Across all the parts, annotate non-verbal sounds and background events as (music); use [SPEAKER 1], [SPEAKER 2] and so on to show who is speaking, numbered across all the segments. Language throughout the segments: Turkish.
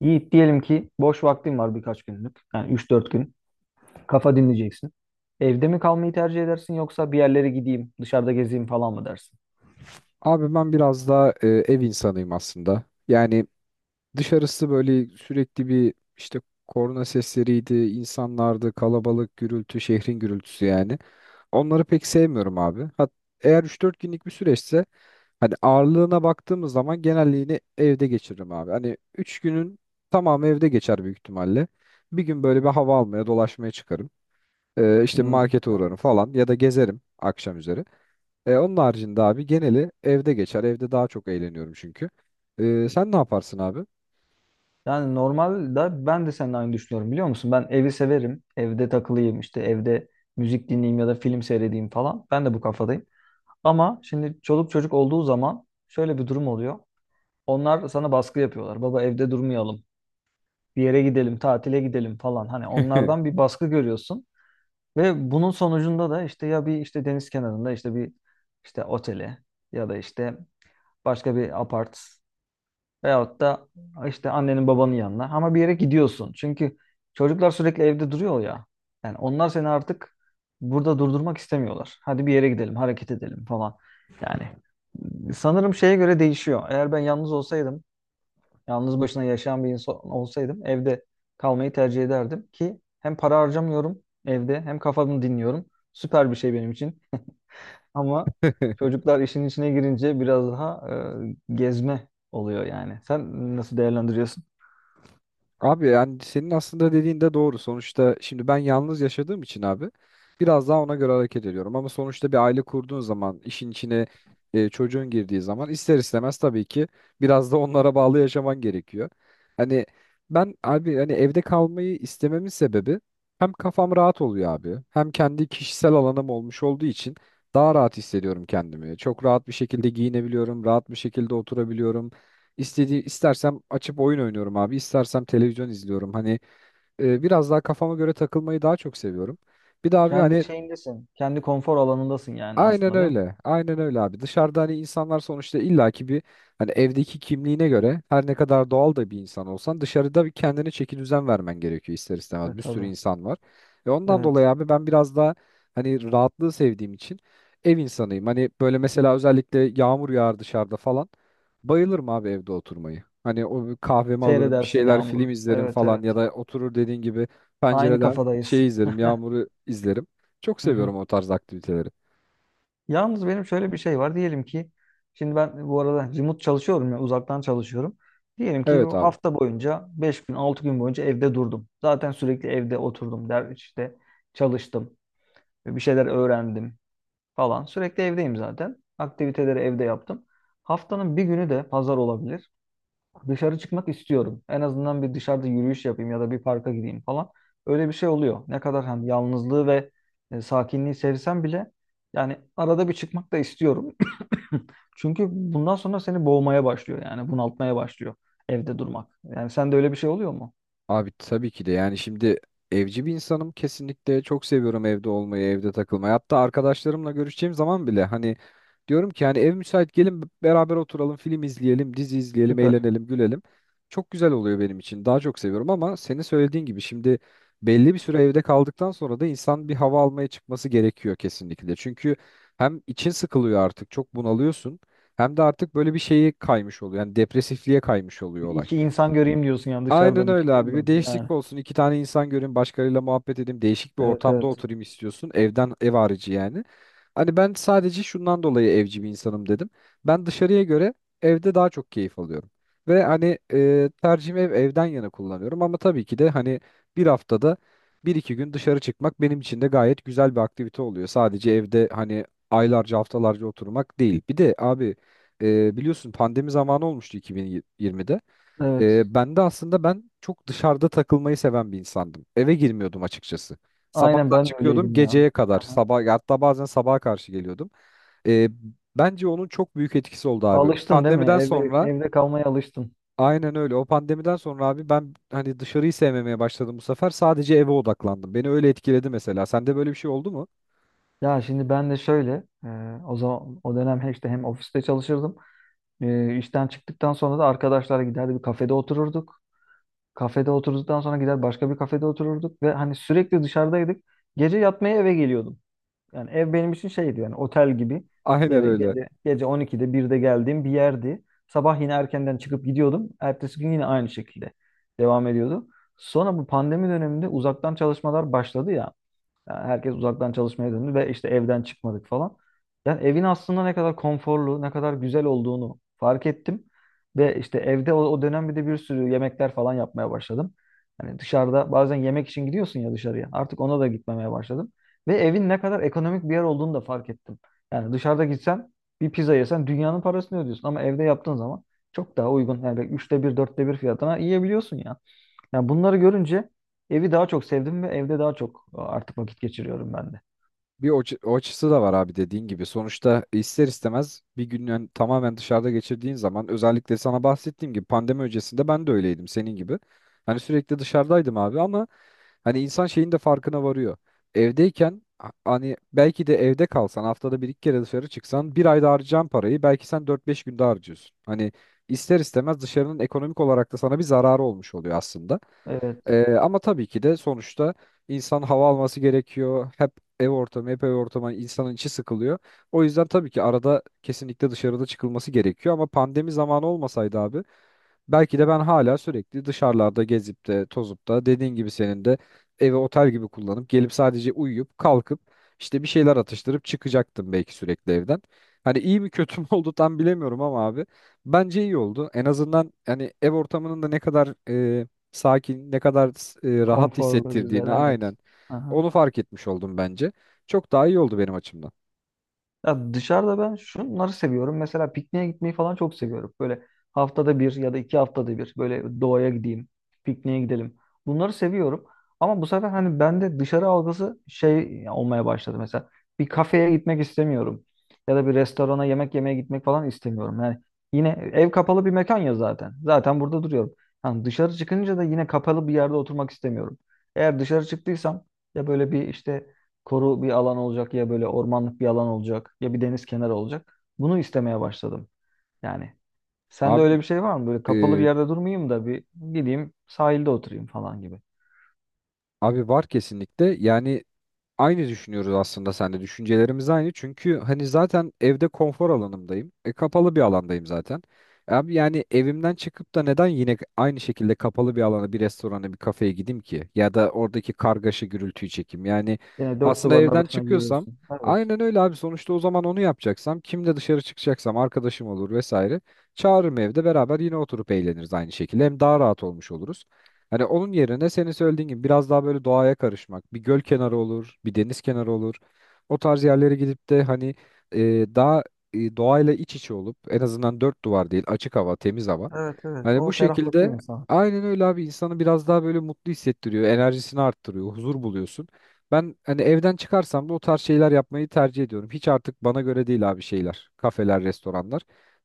[SPEAKER 1] Yiğit diyelim ki boş vaktin var birkaç günlük. Yani üç dört gün. Kafa dinleyeceksin. Evde mi kalmayı tercih edersin yoksa bir yerlere gideyim, dışarıda gezeyim falan mı dersin?
[SPEAKER 2] Abi ben biraz daha ev insanıyım aslında. Yani dışarısı böyle sürekli bir işte korna sesleriydi, insanlardı, kalabalık, gürültü, şehrin gürültüsü yani. Onları pek sevmiyorum abi. Eğer üç dört günlük bir süreçse hani ağırlığına baktığımız zaman genelliğini evde geçiririm abi. Hani 3 günün tamamı evde geçer büyük ihtimalle. Bir gün böyle bir hava almaya, dolaşmaya çıkarım. İşte
[SPEAKER 1] Hmm,
[SPEAKER 2] markete uğrarım
[SPEAKER 1] evet.
[SPEAKER 2] falan ya da gezerim akşam üzeri. Onun haricinde abi geneli evde geçer. Evde daha çok eğleniyorum çünkü. Sen ne yaparsın abi?
[SPEAKER 1] Yani normalde ben de seninle aynı düşünüyorum biliyor musun? Ben evi severim. Evde takılayım işte evde müzik dinleyeyim ya da film seyredeyim falan. Ben de bu kafadayım. Ama şimdi çoluk çocuk olduğu zaman şöyle bir durum oluyor. Onlar sana baskı yapıyorlar. Baba evde durmayalım. Bir yere gidelim, tatile gidelim falan. Hani onlardan bir baskı görüyorsun. Ve bunun sonucunda da işte ya bir işte deniz kenarında işte bir işte otele ya da işte başka bir apart veyahut da işte annenin babanın yanına ama bir yere gidiyorsun. Çünkü çocuklar sürekli evde duruyor ya. Yani onlar seni artık burada durdurmak istemiyorlar. Hadi bir yere gidelim, hareket edelim falan. Yani sanırım şeye göre değişiyor. Eğer ben yalnız olsaydım yalnız başına yaşayan bir insan olsaydım evde kalmayı tercih ederdim ki hem para harcamıyorum evde hem kafamı dinliyorum. Süper bir şey benim için. Ama
[SPEAKER 2] (laughs)
[SPEAKER 1] çocuklar işin içine girince biraz daha gezme oluyor yani. Sen nasıl değerlendiriyorsun?
[SPEAKER 2] Abi yani senin aslında dediğin de doğru. Sonuçta şimdi ben yalnız yaşadığım için abi biraz daha ona göre hareket ediyorum. Ama sonuçta bir aile kurduğun zaman işin içine çocuğun girdiği zaman ister istemez tabii ki biraz da onlara bağlı yaşaman gerekiyor. Hani ben abi hani evde kalmayı istememin sebebi hem kafam rahat oluyor abi hem kendi kişisel alanım olmuş olduğu için daha rahat hissediyorum kendimi. Çok rahat bir şekilde giyinebiliyorum, rahat bir şekilde oturabiliyorum. İstediği istersem açıp oyun oynuyorum abi, istersem televizyon izliyorum. Hani biraz daha kafama göre takılmayı daha çok seviyorum. Bir de abi
[SPEAKER 1] Kendi
[SPEAKER 2] hani
[SPEAKER 1] şeyindesin. Kendi konfor alanındasın yani
[SPEAKER 2] aynen
[SPEAKER 1] aslında değil mi?
[SPEAKER 2] öyle. Aynen öyle abi. Dışarıda hani insanlar sonuçta illaki bir hani evdeki kimliğine göre her ne kadar doğal da bir insan olsan dışarıda bir kendine çeki düzen vermen gerekiyor ister istemez.
[SPEAKER 1] Evet
[SPEAKER 2] Bir sürü
[SPEAKER 1] tabii.
[SPEAKER 2] insan var. Ve ondan
[SPEAKER 1] Evet.
[SPEAKER 2] dolayı abi ben biraz daha hani rahatlığı sevdiğim için ev insanıyım. Hani böyle mesela özellikle yağmur yağar dışarıda falan. Bayılırım abi evde oturmayı. Hani o bir kahvemi alırım, bir
[SPEAKER 1] Seyredersin
[SPEAKER 2] şeyler film
[SPEAKER 1] yağmuru.
[SPEAKER 2] izlerim
[SPEAKER 1] Evet
[SPEAKER 2] falan
[SPEAKER 1] evet.
[SPEAKER 2] ya da oturur dediğin gibi
[SPEAKER 1] Aynı
[SPEAKER 2] pencereden
[SPEAKER 1] kafadayız.
[SPEAKER 2] şey izlerim,
[SPEAKER 1] (laughs)
[SPEAKER 2] yağmuru izlerim. Çok
[SPEAKER 1] Hı hı.
[SPEAKER 2] seviyorum o tarz aktiviteleri.
[SPEAKER 1] Yalnız benim şöyle bir şey var. Diyelim ki şimdi ben bu arada remote çalışıyorum ya uzaktan çalışıyorum. Diyelim ki
[SPEAKER 2] Evet
[SPEAKER 1] bu
[SPEAKER 2] abi.
[SPEAKER 1] hafta boyunca 5 gün 6 gün boyunca evde durdum. Zaten sürekli evde oturdum der işte çalıştım. Bir şeyler öğrendim falan. Sürekli evdeyim zaten. Aktiviteleri evde yaptım. Haftanın bir günü de pazar olabilir. Dışarı çıkmak istiyorum. En azından bir dışarıda yürüyüş yapayım ya da bir parka gideyim falan. Öyle bir şey oluyor. Ne kadar hani yalnızlığı ve sakinliği sevsem bile yani arada bir çıkmak da istiyorum. (laughs) Çünkü bundan sonra seni boğmaya başlıyor yani bunaltmaya başlıyor evde durmak. Yani sende öyle bir şey oluyor mu?
[SPEAKER 2] Abi tabii ki de yani şimdi evci bir insanım kesinlikle çok seviyorum evde olmayı, evde takılmayı. Hatta arkadaşlarımla görüşeceğim zaman bile hani diyorum ki hani ev müsait gelin beraber oturalım, film izleyelim, dizi izleyelim,
[SPEAKER 1] Süper.
[SPEAKER 2] eğlenelim, gülelim. Çok güzel oluyor benim için. Daha çok seviyorum ama senin söylediğin gibi şimdi belli bir süre evde kaldıktan sonra da insan bir hava almaya çıkması gerekiyor kesinlikle. Çünkü hem için sıkılıyor artık, çok bunalıyorsun. Hem de artık böyle bir şeye kaymış oluyor. Yani depresifliğe kaymış oluyor
[SPEAKER 1] Bir
[SPEAKER 2] olay.
[SPEAKER 1] iki insan göreyim diyorsun yani
[SPEAKER 2] Aynen
[SPEAKER 1] dışarıda bir
[SPEAKER 2] öyle
[SPEAKER 1] çıkayım
[SPEAKER 2] abi.
[SPEAKER 1] da
[SPEAKER 2] Bir
[SPEAKER 1] yani.
[SPEAKER 2] değişiklik olsun. İki tane insan görün başkalarıyla muhabbet edeyim. Değişik bir
[SPEAKER 1] Evet
[SPEAKER 2] ortamda
[SPEAKER 1] evet.
[SPEAKER 2] oturayım istiyorsun. Evden ev harici yani. Hani ben sadece şundan dolayı evci bir insanım dedim. Ben dışarıya göre evde daha çok keyif alıyorum. Ve hani tercihimi ev, evden yana kullanıyorum. Ama tabii ki de hani bir haftada bir iki gün dışarı çıkmak benim için de gayet güzel bir aktivite oluyor. Sadece evde hani aylarca haftalarca oturmak değil. Bir de abi biliyorsun pandemi zamanı olmuştu 2020'de.
[SPEAKER 1] Evet.
[SPEAKER 2] Ben de aslında ben çok dışarıda takılmayı seven bir insandım. Eve girmiyordum açıkçası.
[SPEAKER 1] Aynen
[SPEAKER 2] Sabahtan
[SPEAKER 1] ben de
[SPEAKER 2] çıkıyordum
[SPEAKER 1] öyleydim ya.
[SPEAKER 2] geceye kadar.
[SPEAKER 1] Aha.
[SPEAKER 2] Sabah hatta bazen sabaha karşı geliyordum. Ee, bence onun çok büyük etkisi oldu abi.
[SPEAKER 1] Alıştın değil mi?
[SPEAKER 2] Pandemiden
[SPEAKER 1] Evde
[SPEAKER 2] sonra
[SPEAKER 1] evde kalmaya alıştın.
[SPEAKER 2] aynen öyle. O pandemiden sonra abi ben hani dışarıyı sevmemeye başladım bu sefer. Sadece eve odaklandım. Beni öyle etkiledi mesela. Sende böyle bir şey oldu mu?
[SPEAKER 1] Ya şimdi ben de şöyle e, o zaman o dönem hem işte hem ofiste çalışırdım. E, işten çıktıktan sonra da arkadaşlara giderdi bir kafede otururduk. Kafede oturduktan sonra gider başka bir kafede otururduk ve hani sürekli dışarıdaydık. Gece yatmaya eve geliyordum. Yani ev benim için şeydi yani otel gibi.
[SPEAKER 2] Aynen
[SPEAKER 1] Gece,
[SPEAKER 2] öyle.
[SPEAKER 1] gece, gece 12'de 1'de geldiğim bir yerdi. Sabah yine erkenden çıkıp gidiyordum. Ertesi gün yine aynı şekilde devam ediyordu. Sonra bu pandemi döneminde uzaktan çalışmalar başladı ya. Yani herkes uzaktan çalışmaya döndü ve işte evden çıkmadık falan. Yani evin aslında ne kadar konforlu, ne kadar güzel olduğunu fark ettim. Ve işte evde o dönem bir de bir sürü yemekler falan yapmaya başladım. Hani dışarıda bazen yemek için gidiyorsun ya dışarıya. Artık ona da gitmemeye başladım. Ve evin ne kadar ekonomik bir yer olduğunu da fark ettim. Yani dışarıda gitsen bir pizza yesen dünyanın parasını ödüyorsun. Ama evde yaptığın zaman çok daha uygun. Yani üçte bir, dörtte bir fiyatına yiyebiliyorsun ya. Yani bunları görünce evi daha çok sevdim ve evde daha çok artık vakit geçiriyorum ben de.
[SPEAKER 2] Bir o açısı da var abi dediğin gibi. Sonuçta ister istemez bir gün tamamen dışarıda geçirdiğin zaman özellikle sana bahsettiğim gibi pandemi öncesinde ben de öyleydim senin gibi. Hani sürekli dışarıdaydım abi ama hani insan şeyin de farkına varıyor. Hani belki de evde kalsan haftada bir iki kere dışarı çıksan bir ayda harcayacağın parayı belki sen dört beş günde harcıyorsun. Hani ister istemez dışarının ekonomik olarak da sana bir zararı olmuş oluyor aslında.
[SPEAKER 1] Evet.
[SPEAKER 2] Ama tabii ki de sonuçta insan hava alması gerekiyor. Hep ev ortamı, hep ev ortamı hani insanın içi sıkılıyor. O yüzden tabii ki arada kesinlikle dışarıda çıkılması gerekiyor ama pandemi zamanı olmasaydı abi belki de ben hala sürekli dışarılarda gezip de tozup da dediğin gibi senin de evi otel gibi kullanıp gelip sadece uyuyup kalkıp işte bir şeyler atıştırıp çıkacaktım belki sürekli evden. Hani iyi mi kötü mü (laughs) oldu tam bilemiyorum ama abi bence iyi oldu. En azından hani ev ortamının da ne kadar e, sakin, ne kadar rahat
[SPEAKER 1] Konforlu, güzel,
[SPEAKER 2] hissettirdiğini
[SPEAKER 1] evet.
[SPEAKER 2] aynen
[SPEAKER 1] Aha.
[SPEAKER 2] onu fark etmiş oldum bence. Çok daha iyi oldu benim açımdan.
[SPEAKER 1] Ya dışarıda ben şunları seviyorum. Mesela pikniğe gitmeyi falan çok seviyorum. Böyle haftada bir ya da iki haftada bir böyle doğaya gideyim, pikniğe gidelim. Bunları seviyorum. Ama bu sefer hani bende dışarı algısı şey olmaya başladı mesela. Bir kafeye gitmek istemiyorum. Ya da bir restorana yemek yemeye gitmek falan istemiyorum. Yani yine ev kapalı bir mekan ya zaten. Zaten burada duruyorum. Yani dışarı çıkınca da yine kapalı bir yerde oturmak istemiyorum. Eğer dışarı çıktıysam ya böyle bir işte koru bir alan olacak ya böyle ormanlık bir alan olacak ya bir deniz kenarı olacak. Bunu istemeye başladım. Yani sende öyle
[SPEAKER 2] Abi
[SPEAKER 1] bir şey var mı? Böyle kapalı bir
[SPEAKER 2] e,
[SPEAKER 1] yerde durmayayım da bir gideyim sahilde oturayım falan gibi.
[SPEAKER 2] abi var kesinlikle. Yani aynı düşünüyoruz aslında sen de. Düşüncelerimiz aynı. Çünkü hani zaten evde konfor alanımdayım. E, kapalı bir alandayım zaten. Abi yani evimden çıkıp da neden yine aynı şekilde kapalı bir alana, bir restorana, bir kafeye gideyim ki? Ya da oradaki kargaşa gürültüyü çekeyim. Yani
[SPEAKER 1] Yine dört
[SPEAKER 2] aslında
[SPEAKER 1] duvarın
[SPEAKER 2] evden
[SPEAKER 1] arasına
[SPEAKER 2] çıkıyorsam
[SPEAKER 1] giriyorsun. Evet.
[SPEAKER 2] aynen öyle abi. Sonuçta o zaman onu yapacaksam, kimle dışarı çıkacaksam arkadaşım olur vesaire. Çağırırım evde beraber yine oturup eğleniriz aynı şekilde. Hem daha rahat olmuş oluruz. Hani onun yerine senin söylediğin gibi biraz daha böyle doğaya karışmak. Bir göl kenarı olur, bir deniz kenarı olur. O tarz yerlere gidip de hani e, daha doğayla iç içe olup en azından dört duvar değil açık hava, temiz hava.
[SPEAKER 1] Evet evet.
[SPEAKER 2] Hani
[SPEAKER 1] O
[SPEAKER 2] bu
[SPEAKER 1] ferahlatıyor
[SPEAKER 2] şekilde
[SPEAKER 1] insanı.
[SPEAKER 2] aynen öyle abi insanı biraz daha böyle mutlu hissettiriyor, enerjisini arttırıyor, huzur buluyorsun. Ben hani evden çıkarsam da o tarz şeyler yapmayı tercih ediyorum. Hiç artık bana göre değil abi şeyler, kafeler, restoranlar.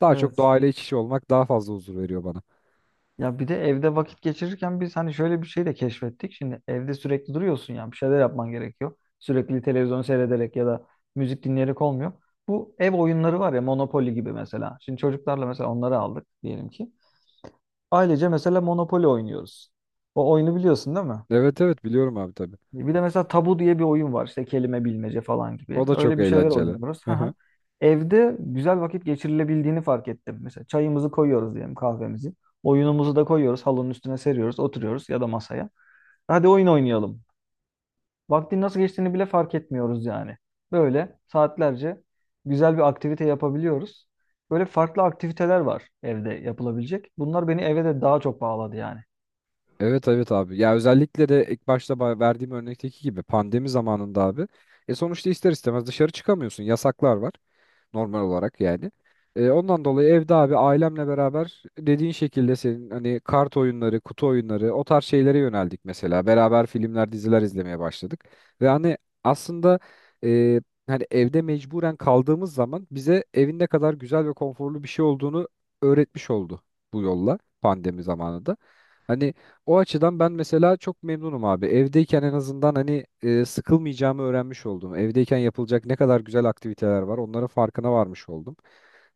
[SPEAKER 2] Daha çok
[SPEAKER 1] Evet.
[SPEAKER 2] doğayla iç içe olmak daha fazla huzur veriyor bana.
[SPEAKER 1] Ya bir de evde vakit geçirirken biz hani şöyle bir şey de keşfettik. Şimdi evde sürekli duruyorsun ya bir şeyler yapman gerekiyor. Sürekli televizyon seyrederek ya da müzik dinleyerek olmuyor. Bu ev oyunları var ya Monopoly gibi mesela. Şimdi çocuklarla mesela onları aldık diyelim ki. Ailece mesela Monopoly oynuyoruz. O oyunu biliyorsun değil mi?
[SPEAKER 2] Evet evet biliyorum abi tabii.
[SPEAKER 1] Bir de mesela tabu diye bir oyun var işte kelime bilmece falan gibi.
[SPEAKER 2] O da çok
[SPEAKER 1] Öyle bir şeyler
[SPEAKER 2] eğlenceli.
[SPEAKER 1] oynuyoruz.
[SPEAKER 2] Hı
[SPEAKER 1] Hı hı.
[SPEAKER 2] hı.
[SPEAKER 1] Evde güzel vakit geçirilebildiğini fark ettim. Mesela çayımızı koyuyoruz diyelim kahvemizi. Oyunumuzu da koyuyoruz halının üstüne seriyoruz oturuyoruz ya da masaya. Hadi oyun oynayalım. Vaktin nasıl geçtiğini bile fark etmiyoruz yani. Böyle saatlerce güzel bir aktivite yapabiliyoruz. Böyle farklı aktiviteler var evde yapılabilecek. Bunlar beni eve de daha çok bağladı yani.
[SPEAKER 2] Evet evet abi. Ya özellikle de ilk başta verdiğim örnekteki gibi pandemi zamanında abi. E sonuçta ister istemez dışarı çıkamıyorsun. Yasaklar var, normal olarak yani. Ondan dolayı evde abi ailemle beraber dediğin şekilde senin hani kart oyunları, kutu oyunları o tarz şeylere yöneldik mesela. Beraber filmler, diziler izlemeye başladık. Ve hani aslında e, hani evde mecburen kaldığımız zaman bize evin ne kadar güzel ve konforlu bir şey olduğunu öğretmiş oldu bu yolla pandemi zamanında. Hani o açıdan ben mesela çok memnunum abi. Evdeyken en azından hani sıkılmayacağımı öğrenmiş oldum. Evdeyken yapılacak ne kadar güzel aktiviteler var, onların farkına varmış oldum.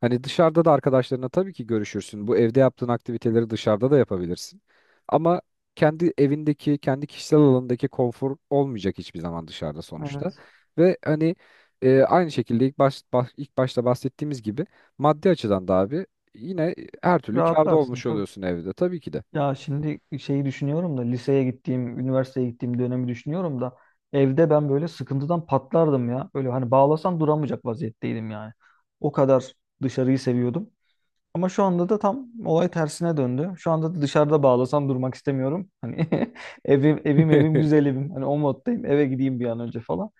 [SPEAKER 2] Hani dışarıda da arkadaşlarına tabii ki görüşürsün. Bu evde yaptığın aktiviteleri dışarıda da yapabilirsin. Ama kendi evindeki, kendi kişisel alanındaki konfor olmayacak hiçbir zaman dışarıda sonuçta.
[SPEAKER 1] Evet.
[SPEAKER 2] Ve hani aynı şekilde ilk başta bahsettiğimiz gibi maddi açıdan da abi yine her türlü kârda
[SPEAKER 1] Rahatlarsın
[SPEAKER 2] olmuş
[SPEAKER 1] tabii.
[SPEAKER 2] oluyorsun evde tabii ki de.
[SPEAKER 1] Ya şimdi şeyi düşünüyorum da liseye gittiğim, üniversiteye gittiğim dönemi düşünüyorum da evde ben böyle sıkıntıdan patlardım ya. Böyle hani bağlasan duramayacak vaziyetteydim yani. O kadar dışarıyı seviyordum. Ama şu anda da tam olay tersine döndü. Şu anda da dışarıda bağlasam durmak istemiyorum. Hani (laughs) evim evim evim
[SPEAKER 2] (laughs)
[SPEAKER 1] güzel evim. Hani o moddayım. Eve gideyim bir an önce falan.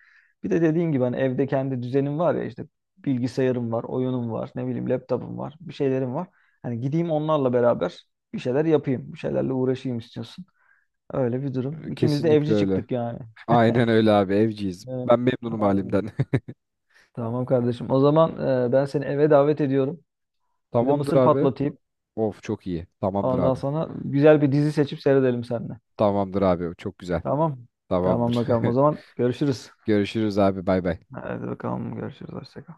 [SPEAKER 1] Bir de dediğin gibi hani evde kendi düzenim var ya işte bilgisayarım var, oyunum var, ne bileyim laptopum var, bir şeylerim var. Hani gideyim onlarla beraber bir şeyler yapayım, bir şeylerle uğraşayım istiyorsun. Öyle bir durum. İkimiz de
[SPEAKER 2] Kesinlikle
[SPEAKER 1] evci
[SPEAKER 2] öyle.
[SPEAKER 1] çıktık yani.
[SPEAKER 2] Aynen öyle abi evciyiz.
[SPEAKER 1] Evet,
[SPEAKER 2] Ben memnunum
[SPEAKER 1] aynen.
[SPEAKER 2] halimden.
[SPEAKER 1] Tamam kardeşim. O zaman ben seni eve davet ediyorum.
[SPEAKER 2] (laughs)
[SPEAKER 1] Bir de
[SPEAKER 2] Tamamdır
[SPEAKER 1] mısır
[SPEAKER 2] abi.
[SPEAKER 1] patlatayım.
[SPEAKER 2] Of çok iyi. Tamamdır
[SPEAKER 1] Ondan
[SPEAKER 2] abi.
[SPEAKER 1] sonra güzel bir dizi seçip seyredelim seninle.
[SPEAKER 2] Tamamdır abi. Çok güzel.
[SPEAKER 1] Tamam. Tamam
[SPEAKER 2] Tamamdır.
[SPEAKER 1] bakalım. O
[SPEAKER 2] (laughs)
[SPEAKER 1] zaman görüşürüz.
[SPEAKER 2] Görüşürüz abi. Bay bay.
[SPEAKER 1] Hadi bakalım görüşürüz. Hoşça kal.